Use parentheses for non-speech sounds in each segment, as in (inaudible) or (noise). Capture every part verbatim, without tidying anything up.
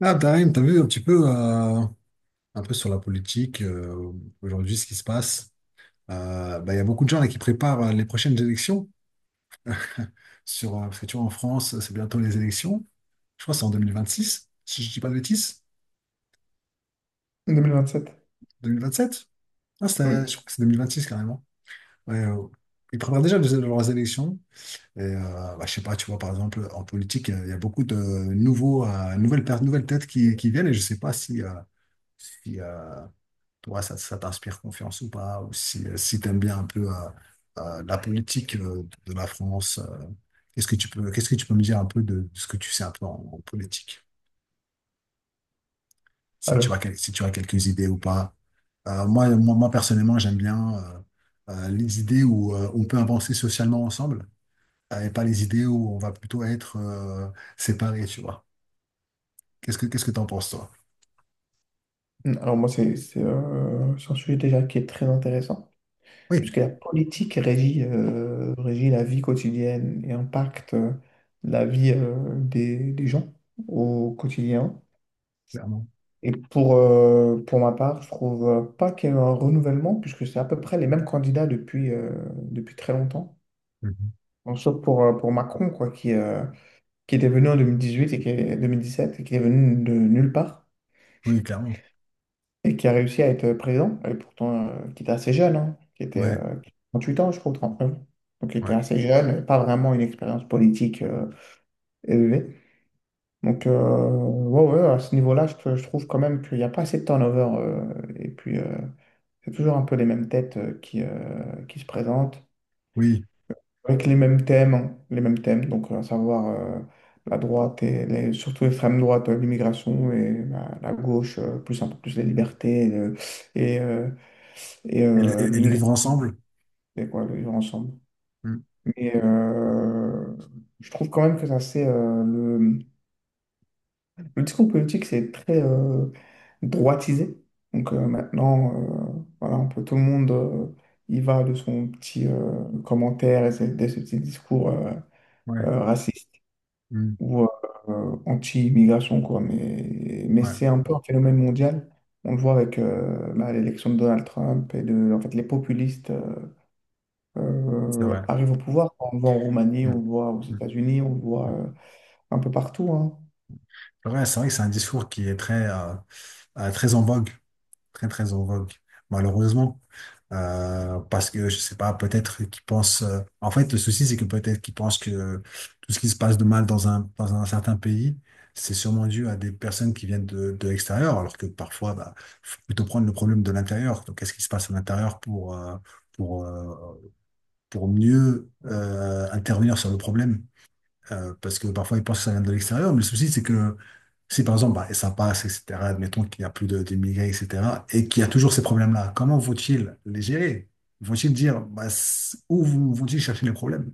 Ah, Tarim, t'as vu un petit peu, euh, un peu sur la politique, euh, aujourd'hui, ce qui se passe. Euh, bah, Il y a beaucoup de gens là, qui préparent euh, les prochaines élections. Sur, euh, parce que tu vois, en France, c'est bientôt les élections. Je crois que c'est en deux mille vingt-six, si je dis pas de bêtises. vingt vingt-sept. deux mille vingt-sept? Ah, c'est- je Oui. crois que c'est vingt vingt-six carrément. Ouais, euh, Ils préparent déjà les- leurs élections. Et euh, bah, je sais pas, tu vois, par exemple, en politique, il y a il y a beaucoup de nouveaux, euh, nouvelles, per- nouvelles têtes qui, qui viennent et je sais pas si, euh, si, euh, toi, ça, ça t'inspire confiance ou pas, ou si, euh, si tu aimes bien un peu euh, euh, la politique euh, de la France, euh, qu'est-ce que tu peux, qu'est-ce que tu peux me dire un peu de, de ce que tu sais un peu en, en politique, si tu as, Alors, quel- si tu as quelques idées ou pas. Euh, moi, moi, moi, personnellement, j'aime bien euh, euh, les idées où euh, on peut avancer socialement ensemble, euh, et pas les idées où on va plutôt être euh, séparés, tu vois. Qu'est-ce que, qu'est-ce que t'en penses, toi? alors moi, c'est c'est, euh, c'est un sujet déjà qui est très intéressant, Oui, puisque la politique régit, euh, régit la vie quotidienne et impacte euh, la vie euh, des, des gens au quotidien. clairement. Et pour, euh, pour ma part, je trouve euh, pas qu'il y ait un renouvellement, puisque c'est à peu près les mêmes candidats depuis, euh, depuis très longtemps. Mhm. Bon, sauf pour, euh, pour Macron, quoi, qui, euh, qui était venu en deux mille dix-huit et qui est, deux mille dix-sept et qui est venu de nulle part, Oui, clairement. et qui a réussi à être présent, et pourtant euh, qui était assez jeune, hein, qui était Ouais, euh, 38 ans, je crois, trente-neuf. Donc il était ouais. assez jeune, pas vraiment une expérience politique euh, élevée. Donc euh, ouais, ouais, à ce niveau-là, je, te- je trouve quand même qu'il n'y a pas assez de turnover. Euh, et puis euh, c'est toujours un peu les mêmes têtes euh, qui, euh, qui se présentent, Oui. avec les mêmes thèmes, hein, les mêmes thèmes, donc à savoir euh, la droite et les- surtout l'extrême droite, euh, l'immigration, et la, la gauche, euh, plus un peu plus les libertés, et le- et, euh, et Et le, euh, et- et le l'immigration vivre ensemble. et quoi de vivre ensemble. Mm. Mais euh, je trouve quand même que ça c'est euh, le, le discours politique c'est très euh, droitisé. Donc euh, maintenant euh, voilà un peu tout le monde euh, y va de son petit euh, commentaire et c'est- de ce petit discours euh, Ouais. euh, raciste Mm, ou euh, euh, anti-immigration quoi. Mais mais ouais, c'est un peu un phénomène mondial. On le voit avec euh, bah, l'élection de Donald Trump et de en fait les populistes euh, c'est vrai. euh, arrive au pouvoir. On le voit en Roumanie, Mm, on le voit aux mm, États-Unis, on le voit euh, mm. un peu partout, hein. Ouais, c'est vrai que c'est un discours qui est très, euh, euh, très en vogue, très, très en vogue, malheureusement. Euh, parce que, je sais pas, peut-être qu'ils pensent... euh, En fait, le souci, c'est que peut-être qu'ils pensent que tout ce qui se passe de mal dans un, dans un certain pays, c'est sûrement dû à des personnes qui viennent de, de l'extérieur, alors que parfois, bah, faut plutôt prendre le problème de l'intérieur. Donc, qu'est-ce qui se passe à l'intérieur pour, euh, pour, euh, pour mieux euh, intervenir sur le problème? Euh, parce que parfois ils pensent que ça vient de l'extérieur, mais le souci c'est que si par exemple bah, ça passe, et cetera, admettons qu'il n'y a plus de- d'immigrés, et cetera, et qu'il y a toujours ces problèmes-là, comment vont-ils les gérer? Vont-ils dire bah, c- où vont- vont-ils chercher les problèmes?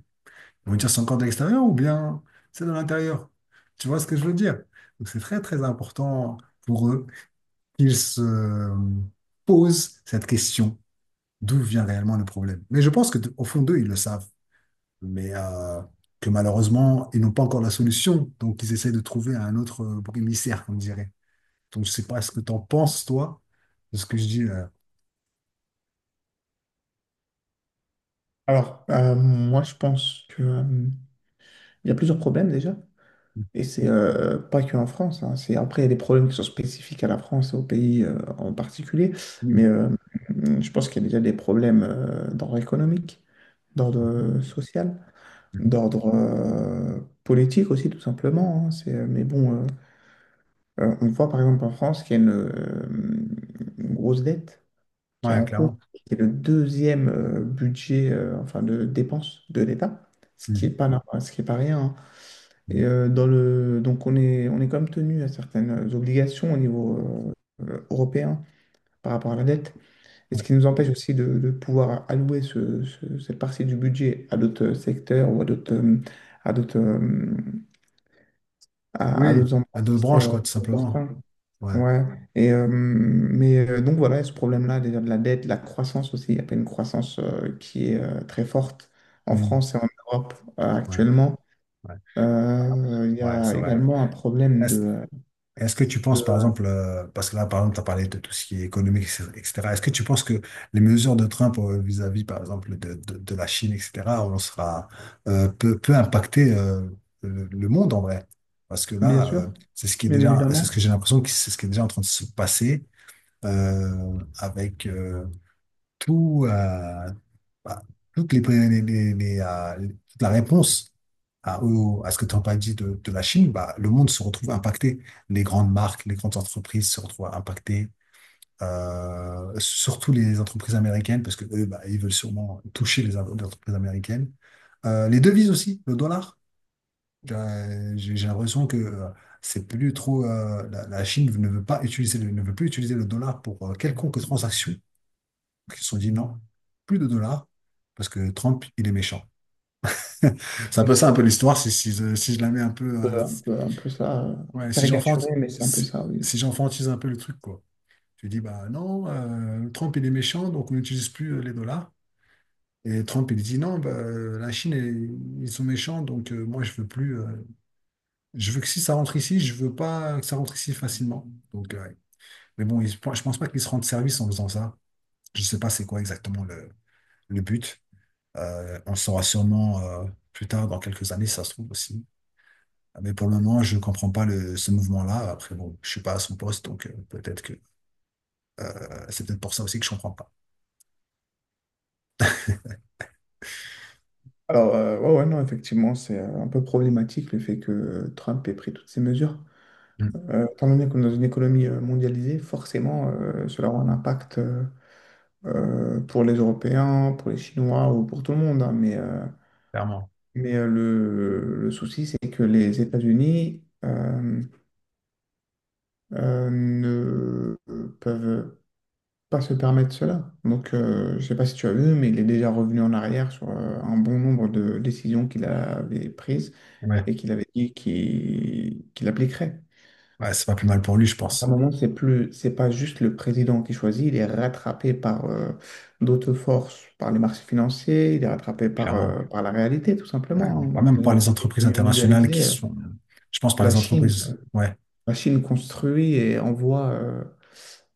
Ils vont dire c'est encore de l'extérieur ou bien c'est de l'intérieur? Tu vois ce que je veux dire? Donc c'est très très important pour eux qu'ils se posent cette question. D'où vient réellement le problème? Mais je pense que de- au fond d'eux, ils le savent mais euh, que malheureusement, ils n'ont pas encore la solution. Donc, ils essaient de trouver un autre euh, bouc émissaire, comme dirait. Donc, je sais pas ce que tu en penses, toi, de ce que je dis là. Alors, euh, moi, je pense que, euh, il y a plusieurs problèmes déjà. Et c'est euh, pas que en France, hein. C'est, après, il y a des problèmes qui sont spécifiques à la France et au pays euh, en particulier. Mais Oui. euh, je pense qu'il y a déjà des problèmes euh, d'ordre économique, d'ordre Mhm. euh, social, Mhm. d'ordre euh, politique aussi, tout simplement, hein. C'est, euh, mais bon, euh, euh, on voit par exemple en France qu'il y a une, euh, une grosse dette qui est Ouais, en cours, clairement. qui est le deuxième euh, budget euh, enfin de dépenses de l'État, ce qui est Mhm. pas normal, ce qui est pas rien, hein. Mhm. Et euh, dans le donc on est on est quand même tenu à certaines obligations au niveau euh, euh, européen par rapport à la dette, et Ouais. ce qui nous empêche aussi de, de pouvoir allouer ce- ce- cette partie du budget à d'autres euh, secteurs ou à d'autres euh, à d'autres euh, à, à Oui, d'autres à emplois deux qui seraient branches, euh, quoi, tout plus simplement. importants. Ouais. Ouais, et euh, mais euh, donc voilà, il y a ce problème-là, déjà de la dette, la croissance aussi, il n'y a pas une croissance euh, qui est euh, très forte en Mhm. France et en Europe euh, Ouais. actuellement. Ouais. Bah, Après- Euh, Il y Ouais, a c'est vrai. également un problème de, Est-ce que tu penses, par de- exemple, euh, parce que là, par exemple, tu as parlé de tout ce qui est économique, et cetera. Est-ce que tu penses que les mesures de Trump euh, vis-à-vis, par exemple, de, de, de la Chine, et cetera, on sera, euh, peut, peut impacter euh, le, le monde en vrai? Parce que bien là, euh, sûr, c'est ce qui est bien déjà, c'est évidemment, ce que j'ai l'impression que c'est ce qui est déjà en train de se passer euh, avec euh, tout. Euh, bah, toutes les, les- les- les, euh, les- toute la réponse à, au- à ce que Trump a dit de, de la Chine, bah, le monde se retrouve impacté. Les grandes marques, les grandes entreprises se retrouvent impactées, euh, surtout les entreprises américaines, parce que eux, bah, ils veulent sûrement toucher les, am- les entreprises américaines. Euh, les devises aussi, le dollar. Euh, J'ai j'ai l'impression que euh, c'est plus trop. Euh, la, la Chine ne veut pas utiliser, le- ne veut plus utiliser le dollar pour euh, quelconque transaction. Donc, ils se sont dit non, plus de dollars, parce que Trump, il est méchant. (laughs) C'est un peu ça, un peu l'histoire, si, si, je- si je la mets un peu. euh, euh, un peu, un peu ça, euh, Ouais, si caricaturé, j'enfante, mais c'est un peu si, ça, oui. si j'enfantise un peu le truc, quoi. Tu dis, bah non, euh, Trump, il est méchant, donc on n'utilise plus euh, les dollars. Et Trump, il dit, non, bah, euh, la Chine, elle- ils sont méchants, donc euh, moi, je veux plus. Euh, je veux que si ça rentre ici, je veux pas que ça rentre ici facilement. Donc, euh, ouais. Mais bon, ils- je pense pas qu'ils se rendent service en faisant ça. Je sais pas c'est quoi exactement le, le but. Euh, on le saura sûrement euh, plus tard, dans quelques années, si ça se trouve aussi. Ah, mais pour le moment, je ne comprends pas le, ce mouvement-là. Après, bon, je ne suis pas à son poste, donc euh, peut-être que euh, c'est peut-être pour ça aussi que je ne comprends pas. Alors, euh, ouais, ouais, non, effectivement, c'est euh, un peu problématique le fait que euh, Trump ait pris toutes ces mesures. Mm. Euh, étant donné qu'on est dans une économie euh, mondialisée, forcément, euh, cela aura un impact euh, euh, pour les Européens, pour les Chinois ou pour tout le monde, hein. mais euh, Clairement. mais euh, le, le souci, c'est que les États-Unis euh, euh, ne peuvent pas se permettre cela. Donc, euh, je ne sais pas si tu as vu, mais il est déjà revenu en arrière sur euh, un bon nombre de décisions qu'il avait prises Ouais. et qu'il avait dit qu'il qu'il appliquerait. Ouais, c'est pas plus mal pour lui, je À un pense. moment, c'est plus, c'est pas juste le président qui choisit, il est rattrapé par euh, d'autres forces, par les marchés financiers, il est rattrapé par, Clairement. euh, par la réalité, tout Ouais. simplement, hein. Ouais, même Dans par une les entreprises économie internationales mondialisée, qui euh, sont. Je pense par la les Chine, entreprises. Ouais, la Chine construit et envoie, euh,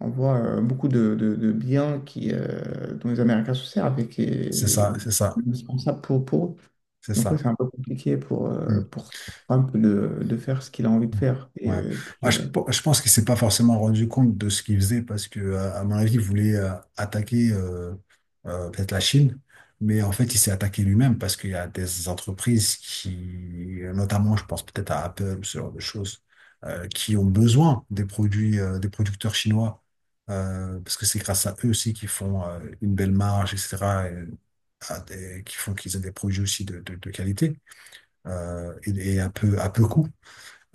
envoie euh, beaucoup de, de- de biens qui, euh, dont les Américains se servent et qui c'est est ça, c'est ça, indispensable pour, pour eux. c'est Donc, oui, ça. c'est un peu compliqué pour, euh, Mm. pour Trump de, de faire ce qu'il a envie de faire. Et Ouais. Euh, puis, Moi, je, euh, pe- je pense qu'il s'est pas forcément rendu compte de ce qu'il faisait parce que, euh, à mon avis, il voulait euh, attaquer euh, euh, peut-être la Chine, mais en fait, il s'est attaqué lui-même parce qu'il y a des entreprises qui, notamment, je pense peut-être à Apple, ce genre de choses, euh, qui ont besoin des produits euh, des producteurs chinois euh, parce que c'est grâce à eux aussi qu'ils font euh, une belle marge, et cetera et- à des- qui font qu'ils aient des produits aussi de, de, de qualité euh, et, et à peu, à peu coût.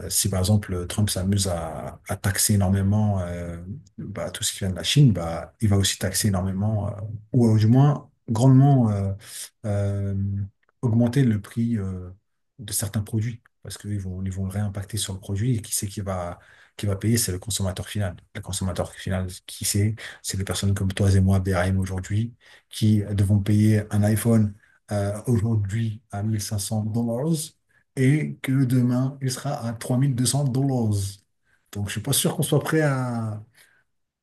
Euh, Si par exemple Trump s'amuse à, à taxer énormément euh, bah, tout ce qui vient de la Chine, bah, il va aussi taxer énormément, euh, ou euh, du moins grandement euh, euh, augmenter le prix euh, de certains produits, parce qu'ils vont, ils vont le réimpacter sur le produit et qui c'est qui va, qui va payer, c'est le consommateur final. Le consommateur final, qui c'est? C'est les personnes comme toi et moi, B R M aujourd'hui, qui devons payer un iPhone euh, aujourd'hui à mille cinq cents dollars et que demain, il sera à trois mille deux cents dollars. Donc, je suis pas sûr qu'on soit prêt à,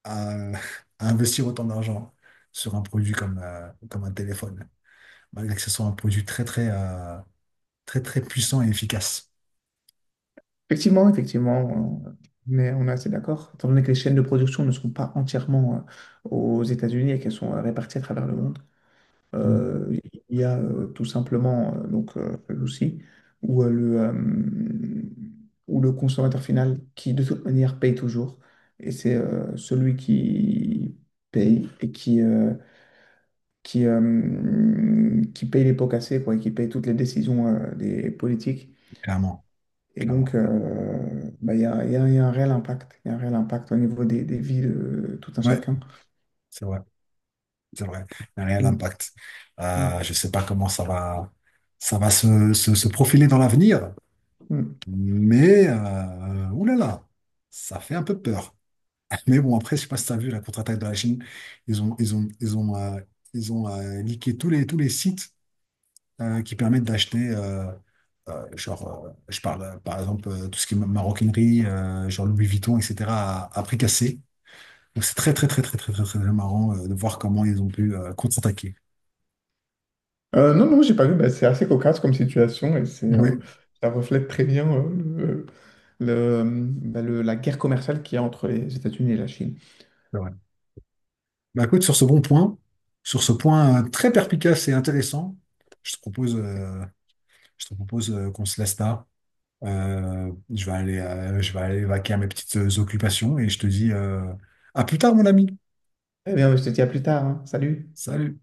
à- (laughs) à investir autant d'argent sur un produit comme, euh, comme un téléphone, malgré que ce soit un produit très, très, euh, très, très puissant et efficace. Effectivement, effectivement, euh, on est, on est assez d'accord. Étant donné que les chaînes de production ne sont pas entièrement euh, aux États-Unis et qu'elles sont euh, réparties à travers le monde, Mm. euh, il y a euh, tout simplement euh, donc euh, le souci où euh, le euh, où le consommateur final qui de toute manière paye toujours et c'est euh, celui qui paye et qui euh, qui euh, qui paye les pots cassés quoi et qui paye toutes les décisions euh, des politiques Clairement, et donc, clairement. euh, bah, il y a, il y a- il y a un réel impact. Il y a un réel impact au niveau des, des vies de tout un Ouais, chacun. c'est vrai, c'est vrai. Il y a un réel Mm, impact. Euh, mm, Je sais pas comment ça va, ça va se, se- se profiler dans l'avenir, mm. mais euh, oulala, ça fait un peu peur. Mais bon, après, je sais pas si tu as vu la contre-attaque de la Chine. Ils ont, ils ont, ils ont, euh, ils ont euh, niqué tous les, tous les sites euh, qui permettent d'acheter, euh, euh, genre, euh, je parle euh, par exemple euh, tout ce qui est ma- maroquinerie, euh, genre Louis Vuitton, et cetera, à, à prix cassé. Donc c'est très, très, très, très, très, très, très marrant euh, de voir comment ils ont pu euh, contre-attaquer. Euh, non, non, j'ai pas vu. Bah, c'est assez cocasse comme situation et c'est, euh, Oui, ça reflète très bien euh, le, le- bah, le- la guerre commerciale qu'il y a entre les États-Unis et la Chine. c'est vrai. Bah, écoute, sur ce bon point, sur ce point euh, très perspicace et intéressant, je te propose, euh, je te propose euh, qu'on se laisse là. Euh, je vais aller, euh, je vais aller vaquer à mes petites occupations et je te dis euh, à plus tard, mon ami. Eh bien, je te dis à plus tard, hein. Salut. Salut.